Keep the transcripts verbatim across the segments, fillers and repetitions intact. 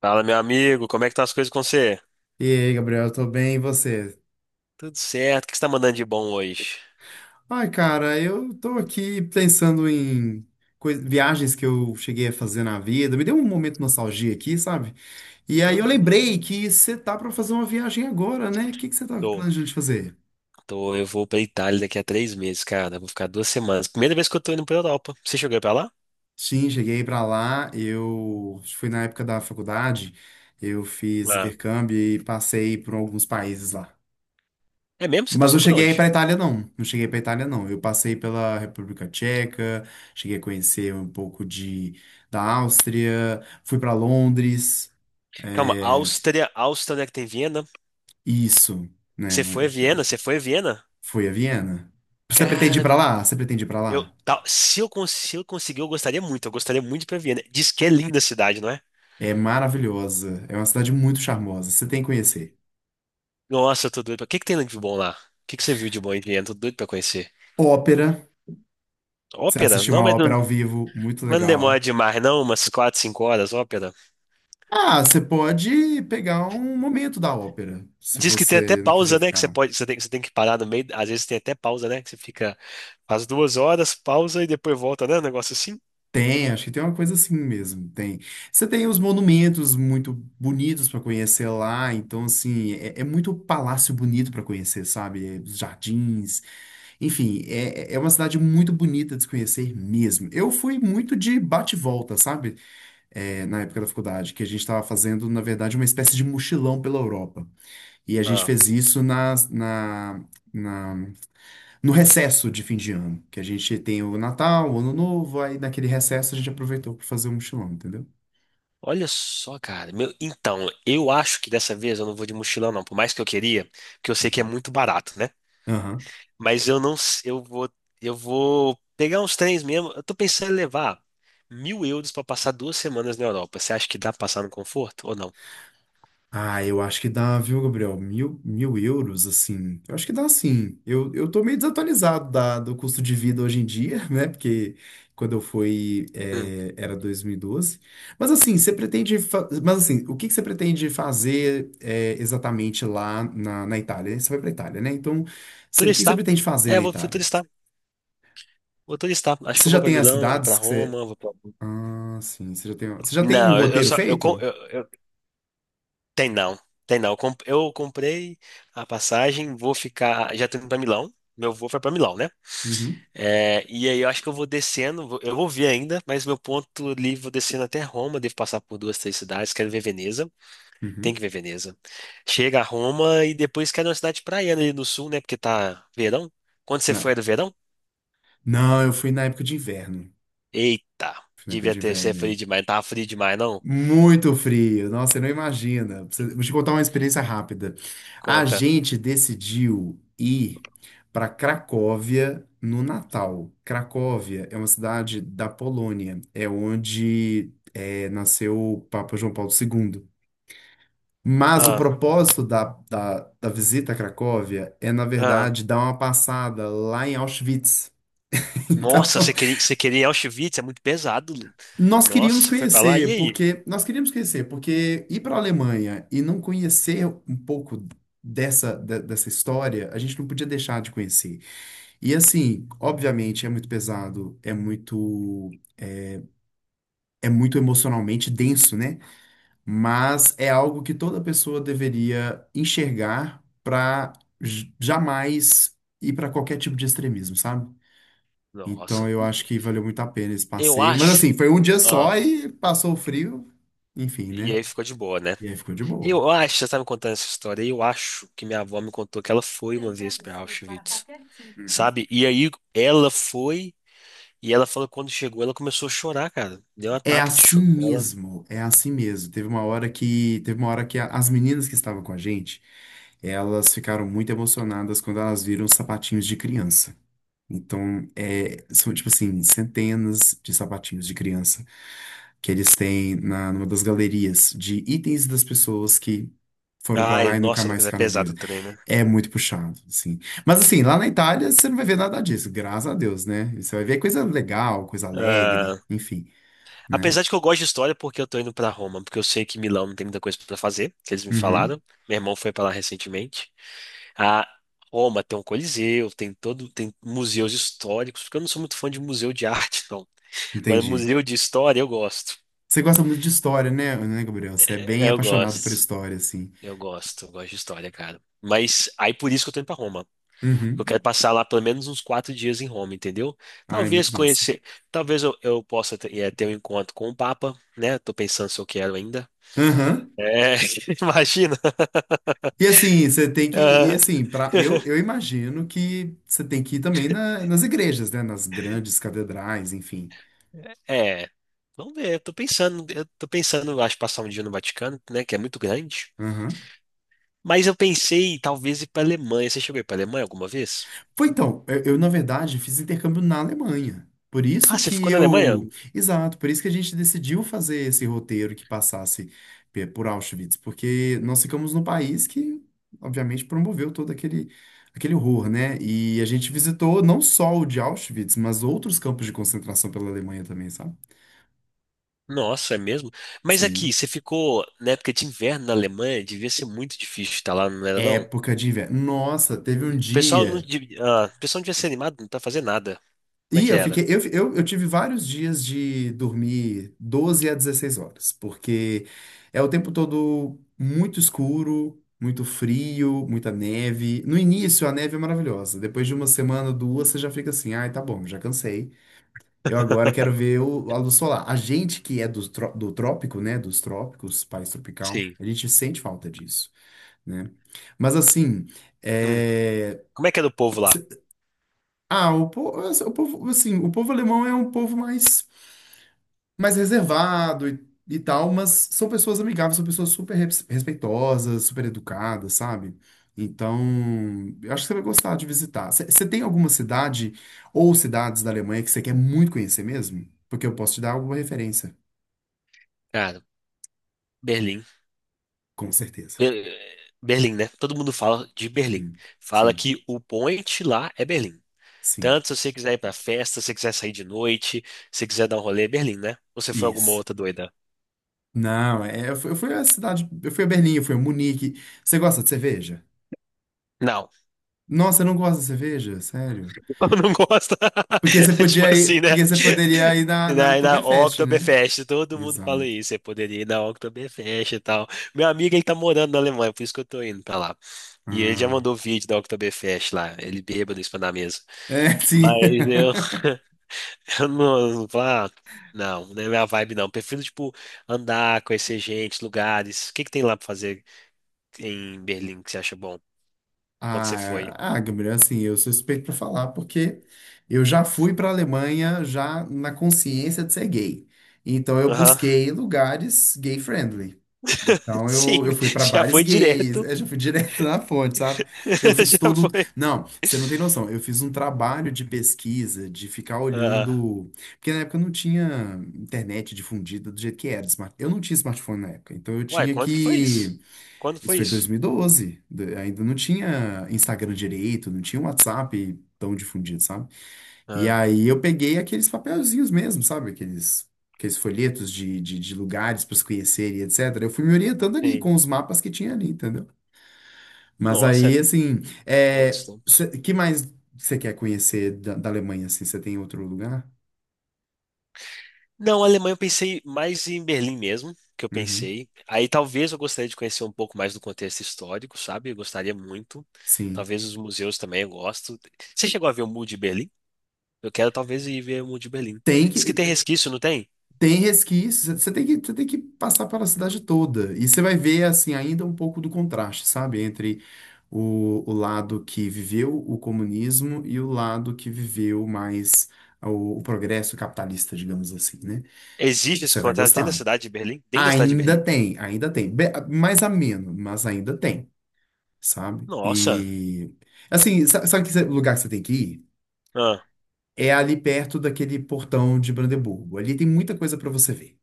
Fala, meu amigo, como é que tá as coisas com você? E aí, Gabriel, tô bem, e você? Tudo certo, o que você tá mandando de bom hoje? Ai, cara, eu tô aqui pensando em coi- viagens que eu cheguei a fazer na vida. Me deu um momento de nostalgia aqui, sabe? E aí eu Ah, que massa. lembrei que você tá pra fazer uma viagem agora, né? O que que você tá Tô, planejando de fazer? tô, eu vou pra Itália daqui a três meses, cara, eu vou ficar duas semanas. Primeira vez que eu tô indo pra Europa. Você chegou aí pra lá? Sim, cheguei pra lá, eu fui na época da faculdade, eu fiz Ah. intercâmbio e passei por alguns países lá. É mesmo? Você Mas passou não por cheguei aí onde? para Itália, não. Não cheguei para Itália, não. Eu passei pela República Tcheca, cheguei a conhecer um pouco de, da Áustria, fui para Londres. Calma, É, Áustria, Áustria, onde é que tem Viena? isso, né? Você foi a Deixa eu Viena? ver. Você foi a Viena? Fui a Viena. Você pretende ir Cara, para lá? Você pretende ir para eu, lá? tal- se eu, cons- se eu conseguir, eu gostaria muito, eu gostaria muito de ir pra Viena. Diz que é linda a cidade, não é? É maravilhosa. É uma cidade muito charmosa. Você tem que conhecer. Nossa, eu tô doido. pra- O que que tem de bom lá? O que que você viu de bom em Viena? Tô doido pra conhecer. Ópera. Você Ópera? assistir Não, uma mas ópera não. ao vivo, muito Mas não demora legal. demais, não? Umas quatro cinco horas, ópera. Ah, você pode pegar um momento da ópera, se Diz que tem até você não quiser pausa, né? Que você ficar. pode, você tem, que- você tem que parar no meio. Às vezes tem até pausa, né? Que você fica faz duas horas, pausa e depois volta, né? Um negócio assim. Tem, acho que tem uma coisa assim mesmo, tem. Você tem os monumentos muito bonitos para conhecer lá, então assim, é, é muito palácio bonito para conhecer, sabe? É, os jardins, enfim, é, é é uma cidade muito bonita de se conhecer mesmo. Eu fui muito de bate-volta, sabe? É, na época da faculdade, que a gente estava fazendo, na verdade, uma espécie de mochilão pela Europa. E a gente Ah, fez isso nas- na, na, no recesso de fim de ano, que a gente tem o Natal, o Ano Novo, aí naquele recesso a gente aproveitou para fazer um mochilão, entendeu? olha só, cara. Meu, então, eu acho que dessa vez eu não vou de mochilão, não. Por mais que eu queria, porque eu sei que é Uhum. muito barato, né? Aham. Mas eu não, s- eu vou, eu vou pegar uns trens mesmo. Eu tô pensando em levar mil euros pra passar duas semanas na Europa. Você acha que dá pra passar no conforto ou não? Ah, eu acho que dá, viu, Gabriel? Mil, mil euros, assim. Eu acho que dá, sim. Eu, eu tô meio desatualizado da, do custo de vida hoje em dia, né? Porque quando eu fui, Hum. é, era dois mil e doze. Mas assim, você pretende. fa- Mas assim, o que que você pretende fazer é, exatamente lá na, na Itália? Você vai pra Itália, né? Então, você- o que que você Turistar. pretende fazer É, na eu vou fui Itália? turistar. Vou turistar. Acho Você que eu já vou pra tem as Milão, vou pra cidades que você. Roma, vou pra. Ah, sim. Você já tem, você já tem um Não, eu eu roteiro só, eu, com- feito? eu, eu- tem não, tem não. Eu comp- eu comprei a passagem, vou ficar, já tô indo pra Milão. Meu voo foi pra Milão, né? Uhum. É, e aí eu acho que eu vou descendo, vou- eu vou ver ainda, mas meu ponto ali, vou descendo até Roma, devo passar por duas, três cidades, quero ver Veneza. Tem que Uhum. ver Veneza. Chega a Roma e depois quer uma cidade praiana ali no sul, né? Porque tá verão. Quando você foi, Na- era verão? Não, eu fui na época de inverno. Eita, Fui na época devia de ter sido inverno. frio É. demais. Não tava frio demais, não? Muito frio. Nossa, você não imagina. Você- Vou te contar uma experiência rápida. A Conta. gente decidiu ir para Cracóvia no Natal. Cracóvia é uma cidade da Polônia. É onde é, nasceu o Papa João Paulo segundo. Mas o Ah, propósito da, da, da visita a Cracóvia é, na ah. verdade, dar uma passada lá em Auschwitz. Então, Nossa, você queria, você queria Auschwitz? É muito pesado. Lu. nós Nossa, queríamos você foi pra lá? E conhecer, aí? porque nós queríamos conhecer, porque ir para a Alemanha e não conhecer um pouco dessa, de- dessa história, a gente não podia deixar de conhecer. E assim, obviamente, é muito pesado, é muito é muito emocionalmente denso, né? Mas é algo que toda pessoa deveria enxergar para jamais ir para qualquer tipo de extremismo, sabe? Então Nossa, eu acho que valeu muito a pena esse eu passeio. Mas assim, acho. foi um dia só Ah, e passou o frio, enfim, e né? aí ficou de boa, né? E aí ficou de boa. Eu acho, você tá me contando essa história. Eu acho que minha avó me contou que ela foi uma vez pra Auschwitz, Uhum. sabe? E aí ela foi. E ela falou que quando chegou, ela começou a chorar, cara. Deu um É ataque de assim choro nela. mesmo, é assim mesmo. Teve uma hora que, teve uma hora que a- as meninas que estavam com a gente, elas ficaram muito emocionadas quando elas viram os sapatinhos de criança. Então, é, são, tipo assim, centenas de sapatinhos de criança que eles têm na, numa das galerias de itens das pessoas que foram pra Ai, lá e nunca nossa, mais Lucas, é ficaram pesado vivas. o trem, né? É muito puxado, assim. Mas, assim, lá na Itália você não vai ver nada disso, graças a Deus, né? Você vai ver coisa legal, coisa alegre, Ah, enfim, né? apesar de que eu gosto de história, porque eu tô indo pra Roma, porque eu sei que Milão não tem muita coisa pra fazer, que eles me Uhum, falaram. Meu irmão foi pra lá recentemente. A Roma tem um coliseu, tem todo, tem museus históricos, porque eu não sou muito fã de museu de arte, não. Agora, entendi. museu de história eu gosto. Você gosta muito de história, né, né, Gabriel? Você é bem É, eu apaixonado por gosto. história, assim. Eu gosto, eu gosto, de história, cara. Mas aí por isso que eu tô indo pra Roma. Eu Uhum. quero passar lá pelo menos uns quatro dias em Roma, entendeu? Ai, Talvez muito massa. conhecer, talvez eu, eu possa ter, eh, ter um encontro com o Papa, né? Tô pensando se eu quero ainda. Aham. É, imagina. E assim, você tem que e Ah, assim, para eu, eu imagino que você tem que ir também na- nas igrejas, né? Nas grandes catedrais, enfim. é, vamos ver. Eu tô pensando, eu tô pensando, eu acho, passar um dia no Vaticano, né? Que é muito grande. Aham. Mas eu pensei, talvez, ir pra Alemanha. Você chegou a ir pra Alemanha alguma vez? Foi então, eu, eu, na verdade fiz intercâmbio na Alemanha. Por isso Ah, você que ficou na Alemanha? eu, Exato, por isso que a gente decidiu fazer esse roteiro que passasse pe- por Auschwitz, porque nós ficamos num país que, obviamente, promoveu todo aquele aquele horror, né? E a gente visitou não só o de Auschwitz, mas outros campos de concentração pela Alemanha também, sabe? Nossa, é mesmo? Mas aqui, Sim. você ficou na época de inverno na Alemanha, devia ser muito difícil estar lá, não era não? Época de inverno. Nossa, teve um O pessoal não, dia. de- ah, o pessoal não devia ser animado pra fazer nada. Como é E que eu fiquei. era? Eu, eu, eu tive vários dias de dormir doze a dezesseis horas, porque é o tempo todo muito escuro, muito frio, muita neve. No início, a neve é maravilhosa. Depois de uma semana, duas, você já fica assim: ai, tá bom, já cansei. Eu agora quero ver o, a luz solar. A gente que é do, tró- do trópico, né? Dos trópicos, país tropical, Sim. a gente sente falta disso, né? Mas assim. Hum. eh, Como é que era o povo lá? Ah, o povo, o povo, assim, o povo alemão é um povo mais, mais reservado e, e tal, mas são pessoas amigáveis, são pessoas super res- respeitosas, super educadas, sabe? Então, eu acho que você vai gostar de visitar. Você você tem alguma cidade ou cidades da Alemanha que você quer muito conhecer mesmo? Porque eu posso te dar alguma referência, Cara, Berlim. com certeza. Be- Berlim, né? Todo mundo fala de Berlim. Sim, Fala sim, que o point lá é Berlim. sim. Tanto se você quiser ir pra festa, se você quiser sair de noite, se você quiser dar um rolê, é Berlim, né? Ou você foi alguma Isso. outra doida? Não, é, eu fui eu fui à cidade, eu fui a Berlim, eu fui a Munique. Você gosta de cerveja? Não. Nossa, eu não gosto de cerveja, sério. Eu não gosta. Porque você Tipo podia ir, assim, né? porque você poderia ir na, E na Na, e na Oktoberfest, né? Oktoberfest, todo mundo fala Exato. isso. Você poderia ir na Oktoberfest e tal. Meu amigo, ele tá morando na Alemanha, por isso que eu tô indo pra lá. E ele já Ah, mandou vídeo da Oktoberfest lá, ele bêbado em cima da mesa. é, sim. Mas eu, eu não, não falo, ah, não, não é minha vibe não. Prefiro, tipo, andar, conhecer gente, lugares. O que que tem lá pra fazer em Berlim que você acha bom? Quando você foi? Ah, ah, Gabriel, assim, eu sou suspeito pra falar, porque eu já fui pra Alemanha já na consciência de ser gay. Então eu Aham. busquei lugares gay friendly. Então Sim, eu, eu fui pra já bares foi gays, direto. eu já fui direto na fonte, sabe? Eu fiz Já todo. foi. Não, você não tem noção. Eu fiz um trabalho de pesquisa, de ficar Ah, olhando. Porque na época não tinha internet difundida do jeito que era. smart- Eu não tinha smartphone na época. Então eu uai, tinha quando que foi que. isso? Quando Isso foi foi isso? dois mil e doze. d- Ainda não tinha Instagram direito, não tinha WhatsApp tão difundido, sabe? E Ah, aí eu peguei aqueles papelzinhos mesmo, sabe? Aqueles, aqueles folhetos de, de, de lugares para se conhecer e etcétera. Eu fui me orientando ali sim. com os mapas que tinha ali, entendeu? Mas Nossa, é aí, assim, outros é, tempos. cê- que mais você quer conhecer da, da Alemanha, assim? Você tem outro lugar? Não, Alemanha eu pensei mais em Berlim mesmo, que eu Uhum, pensei. Aí talvez eu gostaria de conhecer um pouco mais do contexto histórico, sabe? Eu gostaria muito. sim. Talvez os museus também eu gosto. Você chegou a ver o Muro de Berlim? Eu quero talvez ir ver o Muro de Berlim. Tem Diz que. que tem resquício, não tem? Tem resquícios, você tem que, você tem que passar pela cidade toda. E você vai ver, assim, ainda um pouco do contraste, sabe? Entre o, o lado que viveu o comunismo e o lado que viveu mais o, o progresso capitalista, digamos assim, né? Existe esse Você vai contrato dentro da gostar. cidade de Berlim? Dentro da cidade de Ainda Berlim? tem, ainda tem. Be- mais ameno, mas ainda tem, sabe? Nossa, E, assim, sa- sabe que lugar que você tem que ir? ah, É ali perto daquele portão de Brandeburgo. Ali tem muita coisa para você ver.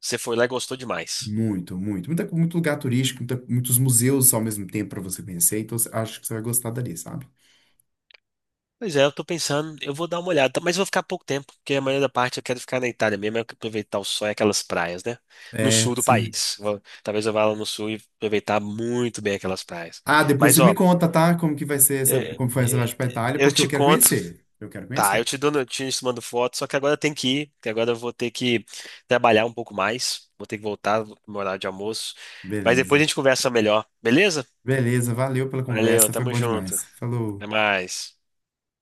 você foi lá e gostou demais. Muito, muito. Muita, muito lugar turístico, muita- muitos museus ao mesmo tempo para você conhecer. Então, cê- acho que você vai gostar dali, sabe? Pois é, eu tô pensando, eu vou dar uma olhada, mas vou ficar pouco tempo, porque a maioria da parte eu quero ficar na Itália mesmo, eu quero aproveitar o sol e aquelas praias, né? No É, sul do sim. país. Vou- talvez eu vá lá no sul e aproveitar muito bem aquelas praias. Ah, depois Mas, você ó, me conta, tá? Como que vai ser essa, é- como foi essa é- viagem pra Itália, eu, porque eu te quero conto, conhecer. Eu quero tá, eu conhecer. te dou notícias, te mando foto, só que agora eu tenho que ir, que agora eu vou ter que trabalhar um pouco mais, vou ter que voltar no meu horário de almoço, mas depois Beleza. a gente conversa melhor, beleza? Beleza, valeu pela Valeu, conversa, foi tamo bom junto, demais. Falou. até mais.